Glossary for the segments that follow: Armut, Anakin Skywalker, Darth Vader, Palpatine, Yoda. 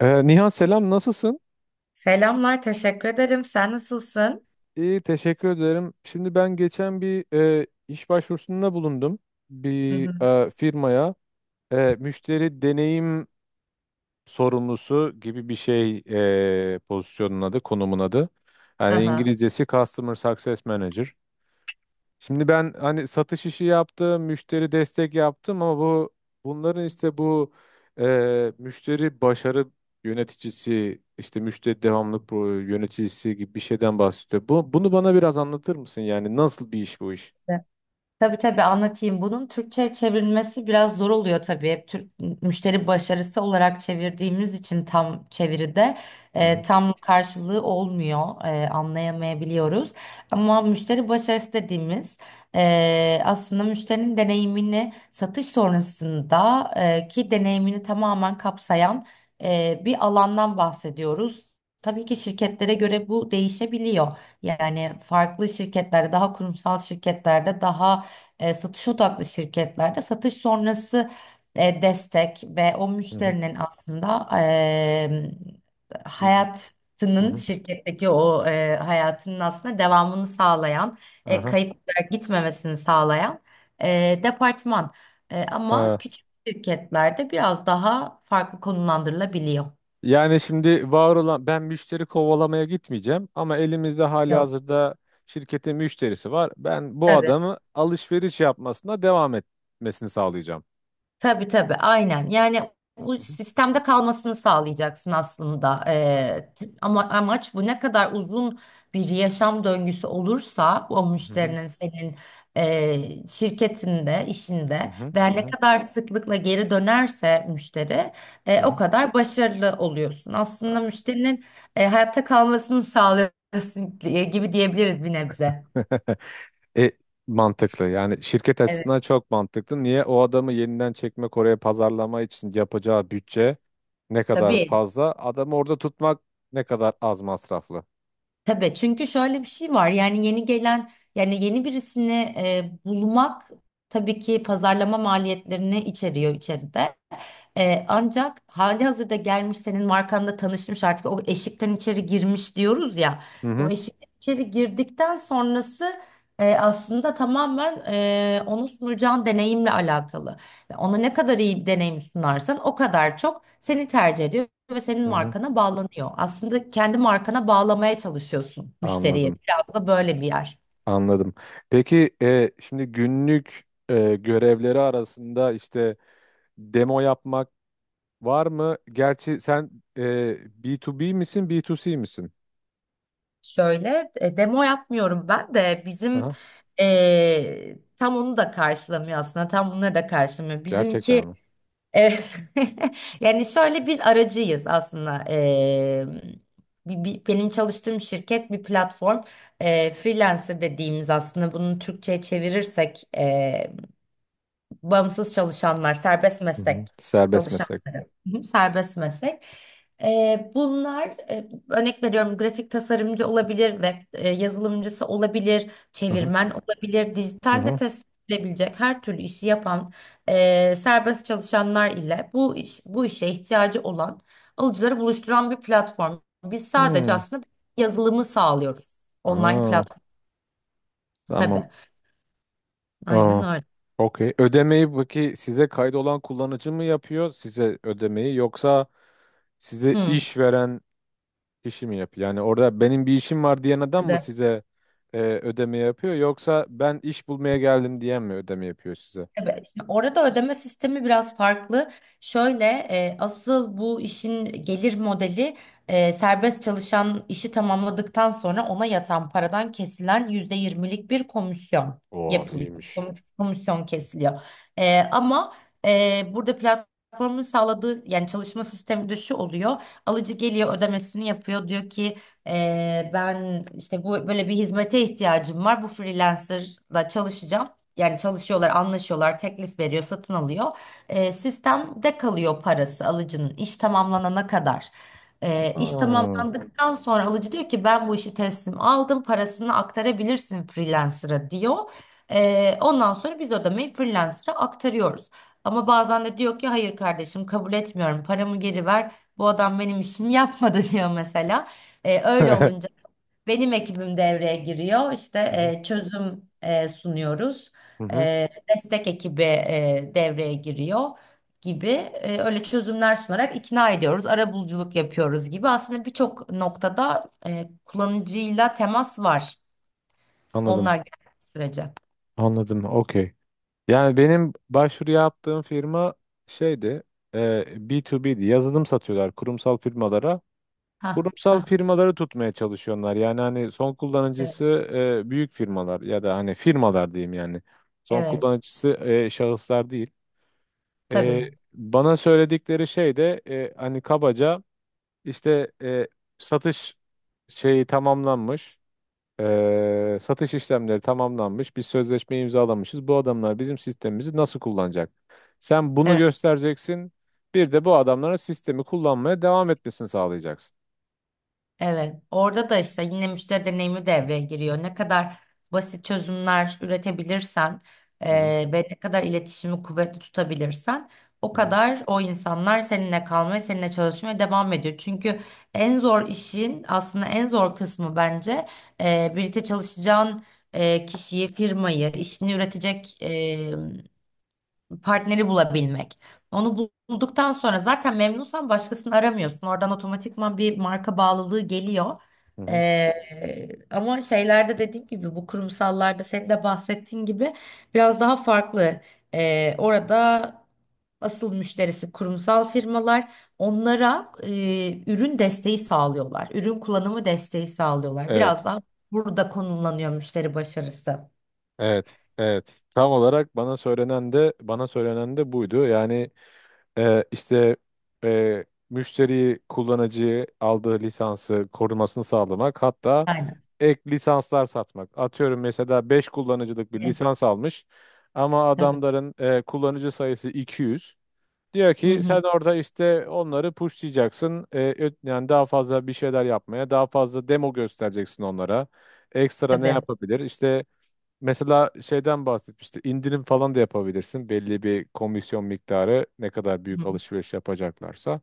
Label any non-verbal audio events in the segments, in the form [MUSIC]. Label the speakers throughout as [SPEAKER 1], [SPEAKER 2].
[SPEAKER 1] Nihan selam nasılsın?
[SPEAKER 2] Selamlar, teşekkür ederim. Sen nasılsın?
[SPEAKER 1] İyi teşekkür ederim. Şimdi ben geçen bir iş başvurusunda bulundum.
[SPEAKER 2] Hı
[SPEAKER 1] Bir
[SPEAKER 2] hı.
[SPEAKER 1] firmaya müşteri deneyim sorumlusu gibi bir şey pozisyonun adı, konumun adı. Yani
[SPEAKER 2] Aha.
[SPEAKER 1] İngilizcesi Customer Success Manager. Şimdi ben hani satış işi yaptım, müşteri destek yaptım ama bunların işte bu müşteri başarı yöneticisi, işte müşteri devamlılık yöneticisi gibi bir şeyden bahsediyor. Bunu bana biraz anlatır mısın? Yani nasıl bir iş bu iş?
[SPEAKER 2] Tabii tabii anlatayım. Bunun Türkçe'ye çevrilmesi biraz zor oluyor tabii. Hep Türk müşteri başarısı olarak çevirdiğimiz için tam çeviride
[SPEAKER 1] Hı hı,
[SPEAKER 2] tam karşılığı olmuyor. Anlayamayabiliyoruz. Ama müşteri başarısı dediğimiz aslında müşterinin deneyimini satış sonrasında ki deneyimini tamamen kapsayan bir alandan bahsediyoruz. Tabii ki şirketlere göre bu değişebiliyor. Yani farklı şirketlerde daha kurumsal şirketlerde daha satış odaklı şirketlerde satış sonrası destek ve o
[SPEAKER 1] hı hı,
[SPEAKER 2] müşterinin aslında
[SPEAKER 1] hı hı, hı
[SPEAKER 2] hayatının
[SPEAKER 1] hı.
[SPEAKER 2] şirketteki o hayatının aslında devamını sağlayan,
[SPEAKER 1] Aha.
[SPEAKER 2] kayıp olarak gitmemesini sağlayan departman. Ama
[SPEAKER 1] Ha.
[SPEAKER 2] küçük şirketlerde biraz daha farklı konumlandırılabiliyor.
[SPEAKER 1] Yani şimdi var olan ben müşteri kovalamaya gitmeyeceğim ama elimizde
[SPEAKER 2] Yok,
[SPEAKER 1] halihazırda şirketin müşterisi var. Ben bu
[SPEAKER 2] tabii.
[SPEAKER 1] adamı alışveriş yapmasına devam etmesini sağlayacağım.
[SPEAKER 2] Tabii tabii aynen. Yani bu sistemde kalmasını sağlayacaksın aslında. Ama amaç bu ne kadar uzun bir yaşam döngüsü olursa o
[SPEAKER 1] Hı hı,
[SPEAKER 2] müşterinin senin şirketinde,
[SPEAKER 1] hı
[SPEAKER 2] işinde
[SPEAKER 1] hı,
[SPEAKER 2] ve
[SPEAKER 1] hı
[SPEAKER 2] ne
[SPEAKER 1] hı,
[SPEAKER 2] kadar sıklıkla geri dönerse müşteri
[SPEAKER 1] hı
[SPEAKER 2] o
[SPEAKER 1] hı.
[SPEAKER 2] kadar başarılı oluyorsun. Aslında müşterinin hayatta kalmasını sağlıyorsun gibi diyebiliriz bir nebze.
[SPEAKER 1] [LAUGHS] E, Mantıklı. Yani şirket
[SPEAKER 2] Evet.
[SPEAKER 1] açısından çok mantıklı. Niye o adamı yeniden çekmek oraya pazarlama için yapacağı bütçe ne kadar
[SPEAKER 2] Tabii.
[SPEAKER 1] fazla, adamı orada tutmak ne kadar az masraflı.
[SPEAKER 2] Tabii çünkü şöyle bir şey var yani yeni gelen yani yeni birisini bulmak tabii ki pazarlama maliyetlerini içeriyor içeride. Ancak hali hazırda gelmiş senin markanla tanışmış artık o eşikten içeri girmiş diyoruz ya.
[SPEAKER 1] Hı
[SPEAKER 2] O
[SPEAKER 1] hı,
[SPEAKER 2] eşikten içeri girdikten sonrası aslında tamamen onu sunacağın deneyimle alakalı. Ve ona ne kadar iyi bir deneyim sunarsan o kadar çok seni tercih ediyor ve senin
[SPEAKER 1] hı hı.
[SPEAKER 2] markana bağlanıyor. Aslında kendi markana bağlamaya çalışıyorsun müşteriye.
[SPEAKER 1] Anladım,
[SPEAKER 2] Biraz da böyle bir yer.
[SPEAKER 1] anladım. Peki şimdi günlük görevleri arasında işte demo yapmak var mı? Gerçi sen e, B2B misin, B2C misin?
[SPEAKER 2] Şöyle demo yapmıyorum ben de bizim
[SPEAKER 1] Aha,
[SPEAKER 2] tam onu da karşılamıyor aslında tam bunları da karşılamıyor.
[SPEAKER 1] gerçekten
[SPEAKER 2] Bizimki
[SPEAKER 1] mi?
[SPEAKER 2] e, [LAUGHS] yani şöyle biz aracıyız aslında. Benim çalıştığım şirket bir platform. Freelancer dediğimiz aslında bunu Türkçe'ye çevirirsek bağımsız çalışanlar serbest
[SPEAKER 1] Hı
[SPEAKER 2] meslek.
[SPEAKER 1] hı. Serbest meslek.
[SPEAKER 2] Hı hı, serbest meslek. Bunlar örnek veriyorum grafik tasarımcı olabilir, web yazılımcısı olabilir, çevirmen olabilir,
[SPEAKER 1] Hı
[SPEAKER 2] dijitalde
[SPEAKER 1] hı.
[SPEAKER 2] test edilebilecek her türlü işi yapan serbest çalışanlar ile bu işe ihtiyacı olan alıcıları buluşturan bir platform. Biz sadece
[SPEAKER 1] Hmm.
[SPEAKER 2] aslında yazılımı sağlıyoruz. Online
[SPEAKER 1] Aa,
[SPEAKER 2] platform
[SPEAKER 1] tamam.
[SPEAKER 2] tabii.
[SPEAKER 1] Aa,
[SPEAKER 2] Aynen öyle.
[SPEAKER 1] okey. Ödemeyi peki size kaydolan kullanıcı mı yapıyor size ödemeyi yoksa size
[SPEAKER 2] Hı.
[SPEAKER 1] iş veren kişi mi yapıyor? Yani orada benim bir işim var diyen adam mı
[SPEAKER 2] Tabii.
[SPEAKER 1] size ödeme yapıyor yoksa ben iş bulmaya geldim diyen mi ödeme yapıyor size?
[SPEAKER 2] Tabii. Şimdi orada ödeme sistemi biraz farklı. Şöyle asıl bu işin gelir modeli serbest çalışan işi tamamladıktan sonra ona yatan paradan kesilen %20'lik bir komisyon
[SPEAKER 1] Oo
[SPEAKER 2] yapılıyor.
[SPEAKER 1] iyiymiş.
[SPEAKER 2] Komisyon kesiliyor. E, ama Burada platformun sağladığı yani çalışma sistemi de şu oluyor. Alıcı geliyor ödemesini yapıyor. Diyor ki ben işte bu böyle bir hizmete ihtiyacım var. Bu freelancerla çalışacağım. Yani çalışıyorlar, anlaşıyorlar, teklif veriyor, satın alıyor. Sistemde kalıyor parası alıcının iş tamamlanana kadar. İş
[SPEAKER 1] Aa.
[SPEAKER 2] tamamlandıktan sonra alıcı diyor ki ben bu işi teslim aldım, parasını aktarabilirsin freelancer'a diyor. Ondan sonra biz ödemeyi freelancer'a aktarıyoruz. Ama bazen de diyor ki hayır kardeşim kabul etmiyorum, paramı geri ver. Bu adam benim işimi yapmadı [LAUGHS] diyor mesela.
[SPEAKER 1] [LAUGHS]
[SPEAKER 2] Öyle
[SPEAKER 1] Hı
[SPEAKER 2] olunca benim ekibim devreye giriyor. İşte
[SPEAKER 1] hı.
[SPEAKER 2] çözüm sunuyoruz.
[SPEAKER 1] Hı hı.
[SPEAKER 2] E, Destek ekibi devreye giriyor gibi. Öyle çözümler sunarak ikna ediyoruz. Arabuluculuk yapıyoruz gibi. Aslında birçok noktada kullanıcıyla temas var.
[SPEAKER 1] Anladım.
[SPEAKER 2] Onlar geldiği sürece.
[SPEAKER 1] Anladım. Okey. Yani benim başvuru yaptığım firma şeydi, e, B2B'di. Yazılım satıyorlar kurumsal firmalara.
[SPEAKER 2] Ha,
[SPEAKER 1] Kurumsal
[SPEAKER 2] ha.
[SPEAKER 1] firmaları tutmaya çalışıyorlar. Yani hani son kullanıcısı
[SPEAKER 2] Evet,
[SPEAKER 1] büyük firmalar ya da hani firmalar diyeyim yani. Son
[SPEAKER 2] evet,
[SPEAKER 1] kullanıcısı şahıslar değil.
[SPEAKER 2] tabii.
[SPEAKER 1] Bana söyledikleri şey de hani kabaca işte satış şeyi tamamlanmış. Satış işlemleri tamamlanmış. Biz sözleşme imzalamışız. Bu adamlar bizim sistemimizi nasıl kullanacak? Sen bunu
[SPEAKER 2] Evet.
[SPEAKER 1] göstereceksin. Bir de bu adamların sistemi kullanmaya devam etmesini sağlayacaksın.
[SPEAKER 2] Evet, orada da işte yine müşteri deneyimi devreye giriyor. Ne kadar basit çözümler üretebilirsen
[SPEAKER 1] Hı hı,
[SPEAKER 2] ve ne kadar iletişimi kuvvetli tutabilirsen o
[SPEAKER 1] hı hı,
[SPEAKER 2] kadar o insanlar seninle kalmaya, seninle çalışmaya devam ediyor. Çünkü en zor işin aslında en zor kısmı bence birlikte çalışacağın kişiyi, firmayı, işini üretecek partneri bulabilmek. Bulduktan sonra zaten memnunsan başkasını aramıyorsun. Oradan otomatikman bir marka bağlılığı geliyor.
[SPEAKER 1] hı hı.
[SPEAKER 2] Ee, Ama şeylerde dediğim gibi bu kurumsallarda senin de bahsettiğin gibi biraz daha farklı. Orada asıl müşterisi kurumsal firmalar onlara ürün desteği sağlıyorlar. Ürün kullanımı desteği sağlıyorlar. Biraz
[SPEAKER 1] Evet,
[SPEAKER 2] daha burada konumlanıyor müşteri başarısı.
[SPEAKER 1] evet, evet. Tam olarak bana söylenen de buydu. Yani işte e, müşteriyi, kullanıcıyı aldığı lisansı korumasını sağlamak, hatta
[SPEAKER 2] Aynen.
[SPEAKER 1] ek lisanslar satmak. Atıyorum mesela 5 kullanıcılık bir
[SPEAKER 2] Evet,
[SPEAKER 1] lisans almış ama
[SPEAKER 2] tabii.
[SPEAKER 1] adamların kullanıcı sayısı 200. Diyor
[SPEAKER 2] Hı
[SPEAKER 1] ki
[SPEAKER 2] hı,
[SPEAKER 1] sen orada işte onları pushlayacaksın. Yani daha fazla bir şeyler yapmaya, daha fazla demo göstereceksin onlara. Ekstra ne
[SPEAKER 2] tabii.
[SPEAKER 1] yapabilir? İşte mesela şeyden bahsetmişti. İndirim falan da yapabilirsin. Belli bir komisyon miktarı ne kadar büyük
[SPEAKER 2] Hı.
[SPEAKER 1] alışveriş yapacaklarsa.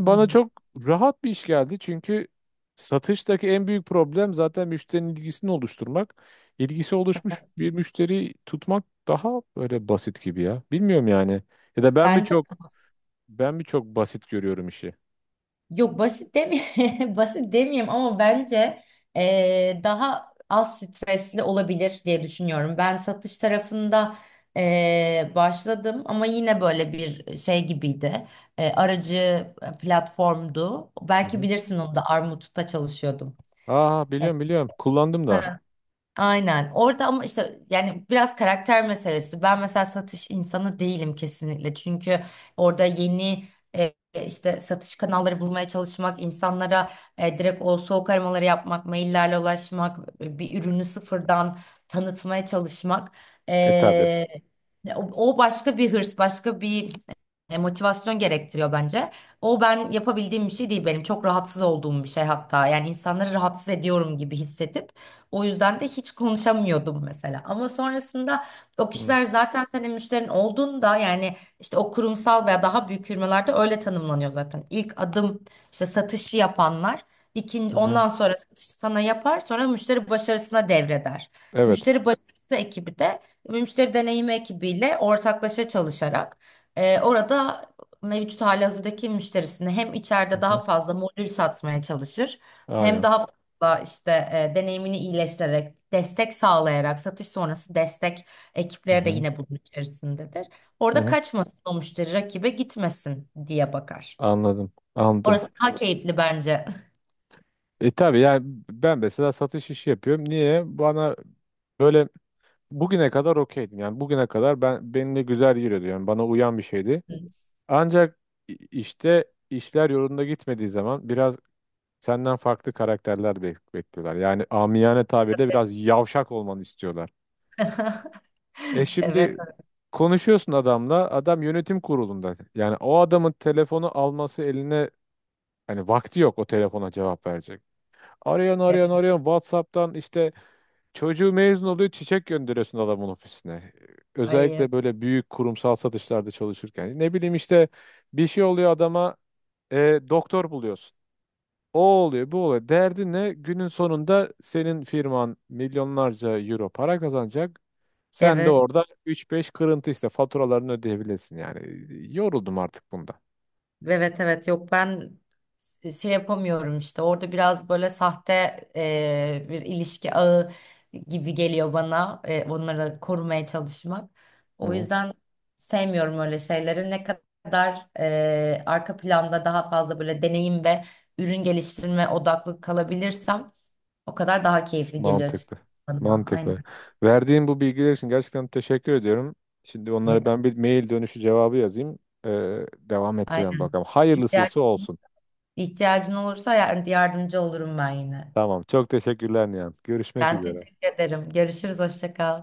[SPEAKER 2] Hı
[SPEAKER 1] bana
[SPEAKER 2] hı.
[SPEAKER 1] çok rahat bir iş geldi. Çünkü satıştaki en büyük problem zaten müşterinin ilgisini oluşturmak. İlgisi oluşmuş
[SPEAKER 2] Tabii.
[SPEAKER 1] bir müşteri tutmak daha böyle basit gibi ya. Bilmiyorum yani. Ya da
[SPEAKER 2] Bence [LAUGHS]
[SPEAKER 1] ben bir çok basit görüyorum işi.
[SPEAKER 2] yok basit demeyeyim, [LAUGHS] basit demeyeyim ama bence daha az stresli olabilir diye düşünüyorum. Ben satış tarafında başladım ama yine böyle bir şey gibiydi. Aracı platformdu.
[SPEAKER 1] Hı
[SPEAKER 2] Belki
[SPEAKER 1] hı.
[SPEAKER 2] bilirsin onu da Armut'ta çalışıyordum.
[SPEAKER 1] Aa
[SPEAKER 2] Evet.
[SPEAKER 1] biliyorum biliyorum. Kullandım da.
[SPEAKER 2] Aynen. Orada ama işte yani biraz karakter meselesi. Ben mesela satış insanı değilim kesinlikle. Çünkü orada yeni e, işte satış kanalları bulmaya çalışmak, insanlara direkt o soğuk aramaları yapmak, maillerle ulaşmak, bir ürünü sıfırdan tanıtmaya çalışmak.
[SPEAKER 1] E tabi.
[SPEAKER 2] E, O başka bir hırs, başka bir motivasyon gerektiriyor bence. O ben yapabildiğim bir şey değil benim. Çok rahatsız olduğum bir şey hatta. Yani insanları rahatsız ediyorum gibi hissedip o yüzden de hiç konuşamıyordum mesela. Ama sonrasında o
[SPEAKER 1] Hı
[SPEAKER 2] kişiler zaten senin müşterin olduğunda yani işte o kurumsal veya daha büyük firmalarda öyle tanımlanıyor zaten. İlk adım işte satışı yapanlar. İkinci,
[SPEAKER 1] hı.
[SPEAKER 2] ondan sonra satışı sana yapar, sonra müşteri başarısına devreder.
[SPEAKER 1] Evet.
[SPEAKER 2] Müşteri başarısı ekibi de müşteri deneyimi ekibiyle ortaklaşa çalışarak orada mevcut halihazırdaki müşterisini hem
[SPEAKER 1] Hı
[SPEAKER 2] içeride daha
[SPEAKER 1] hı.
[SPEAKER 2] fazla modül satmaya çalışır hem
[SPEAKER 1] Aynen.
[SPEAKER 2] daha da işte deneyimini iyileştirerek, destek sağlayarak, satış sonrası destek
[SPEAKER 1] Hı
[SPEAKER 2] ekipleri de
[SPEAKER 1] hı.
[SPEAKER 2] yine bunun içerisindedir.
[SPEAKER 1] Hı
[SPEAKER 2] Orada
[SPEAKER 1] hı.
[SPEAKER 2] kaçmasın o müşteri rakibe gitmesin diye bakar.
[SPEAKER 1] Anladım. Anladım.
[SPEAKER 2] Orası daha keyifli bence.
[SPEAKER 1] E tabii yani ben mesela satış işi yapıyorum. Niye? Bana böyle bugüne kadar okeydim. Yani bugüne kadar benimle güzel yürüyordu. Yani bana uyan bir şeydi. Ancak işte işler yolunda gitmediği zaman biraz senden farklı karakterler bekliyorlar. Yani amiyane tabirle biraz yavşak olmanı istiyorlar.
[SPEAKER 2] [LAUGHS] [LAUGHS]
[SPEAKER 1] E
[SPEAKER 2] Evet,
[SPEAKER 1] şimdi konuşuyorsun adamla. Adam yönetim kurulunda. Yani o adamın telefonu alması eline hani vakti yok o telefona cevap verecek. Arıyorsun arıyorsun
[SPEAKER 2] evet.
[SPEAKER 1] arıyorsun WhatsApp'tan işte. Çocuğu mezun oluyor, çiçek gönderiyorsun adamın ofisine.
[SPEAKER 2] Ay,
[SPEAKER 1] Özellikle böyle büyük kurumsal satışlarda çalışırken. Ne bileyim işte bir şey oluyor adama e, doktor buluyorsun. O oluyor, bu oluyor. Derdin ne? Günün sonunda senin firman milyonlarca euro para kazanacak. Sen de
[SPEAKER 2] evet.
[SPEAKER 1] orada üç beş kırıntı işte faturalarını ödeyebilirsin yani. Yoruldum artık bundan.
[SPEAKER 2] Evet evet yok ben şey yapamıyorum işte orada biraz böyle sahte bir ilişki ağı gibi geliyor bana, onları korumaya çalışmak. O
[SPEAKER 1] Hı.
[SPEAKER 2] yüzden sevmiyorum öyle şeyleri. Ne kadar arka planda daha fazla böyle deneyim ve ürün geliştirme odaklı kalabilirsem o kadar daha keyifli geliyor açıkçası
[SPEAKER 1] Mantıklı.
[SPEAKER 2] bana.
[SPEAKER 1] Mantıklı.
[SPEAKER 2] Aynen.
[SPEAKER 1] Verdiğin bu bilgiler için gerçekten teşekkür ediyorum. Şimdi
[SPEAKER 2] Ne
[SPEAKER 1] onlara
[SPEAKER 2] de-
[SPEAKER 1] ben bir mail dönüşü cevabı yazayım. Devam ettirelim
[SPEAKER 2] Aynen.
[SPEAKER 1] bakalım.
[SPEAKER 2] İhtiyaç,
[SPEAKER 1] Hayırlısıysa olsun.
[SPEAKER 2] ihtiyacın olursa yardımcı olurum ben yine.
[SPEAKER 1] Tamam. Çok teşekkürler Nihan. Görüşmek
[SPEAKER 2] Ben
[SPEAKER 1] üzere.
[SPEAKER 2] teşekkür ederim. Görüşürüz. Hoşça kal.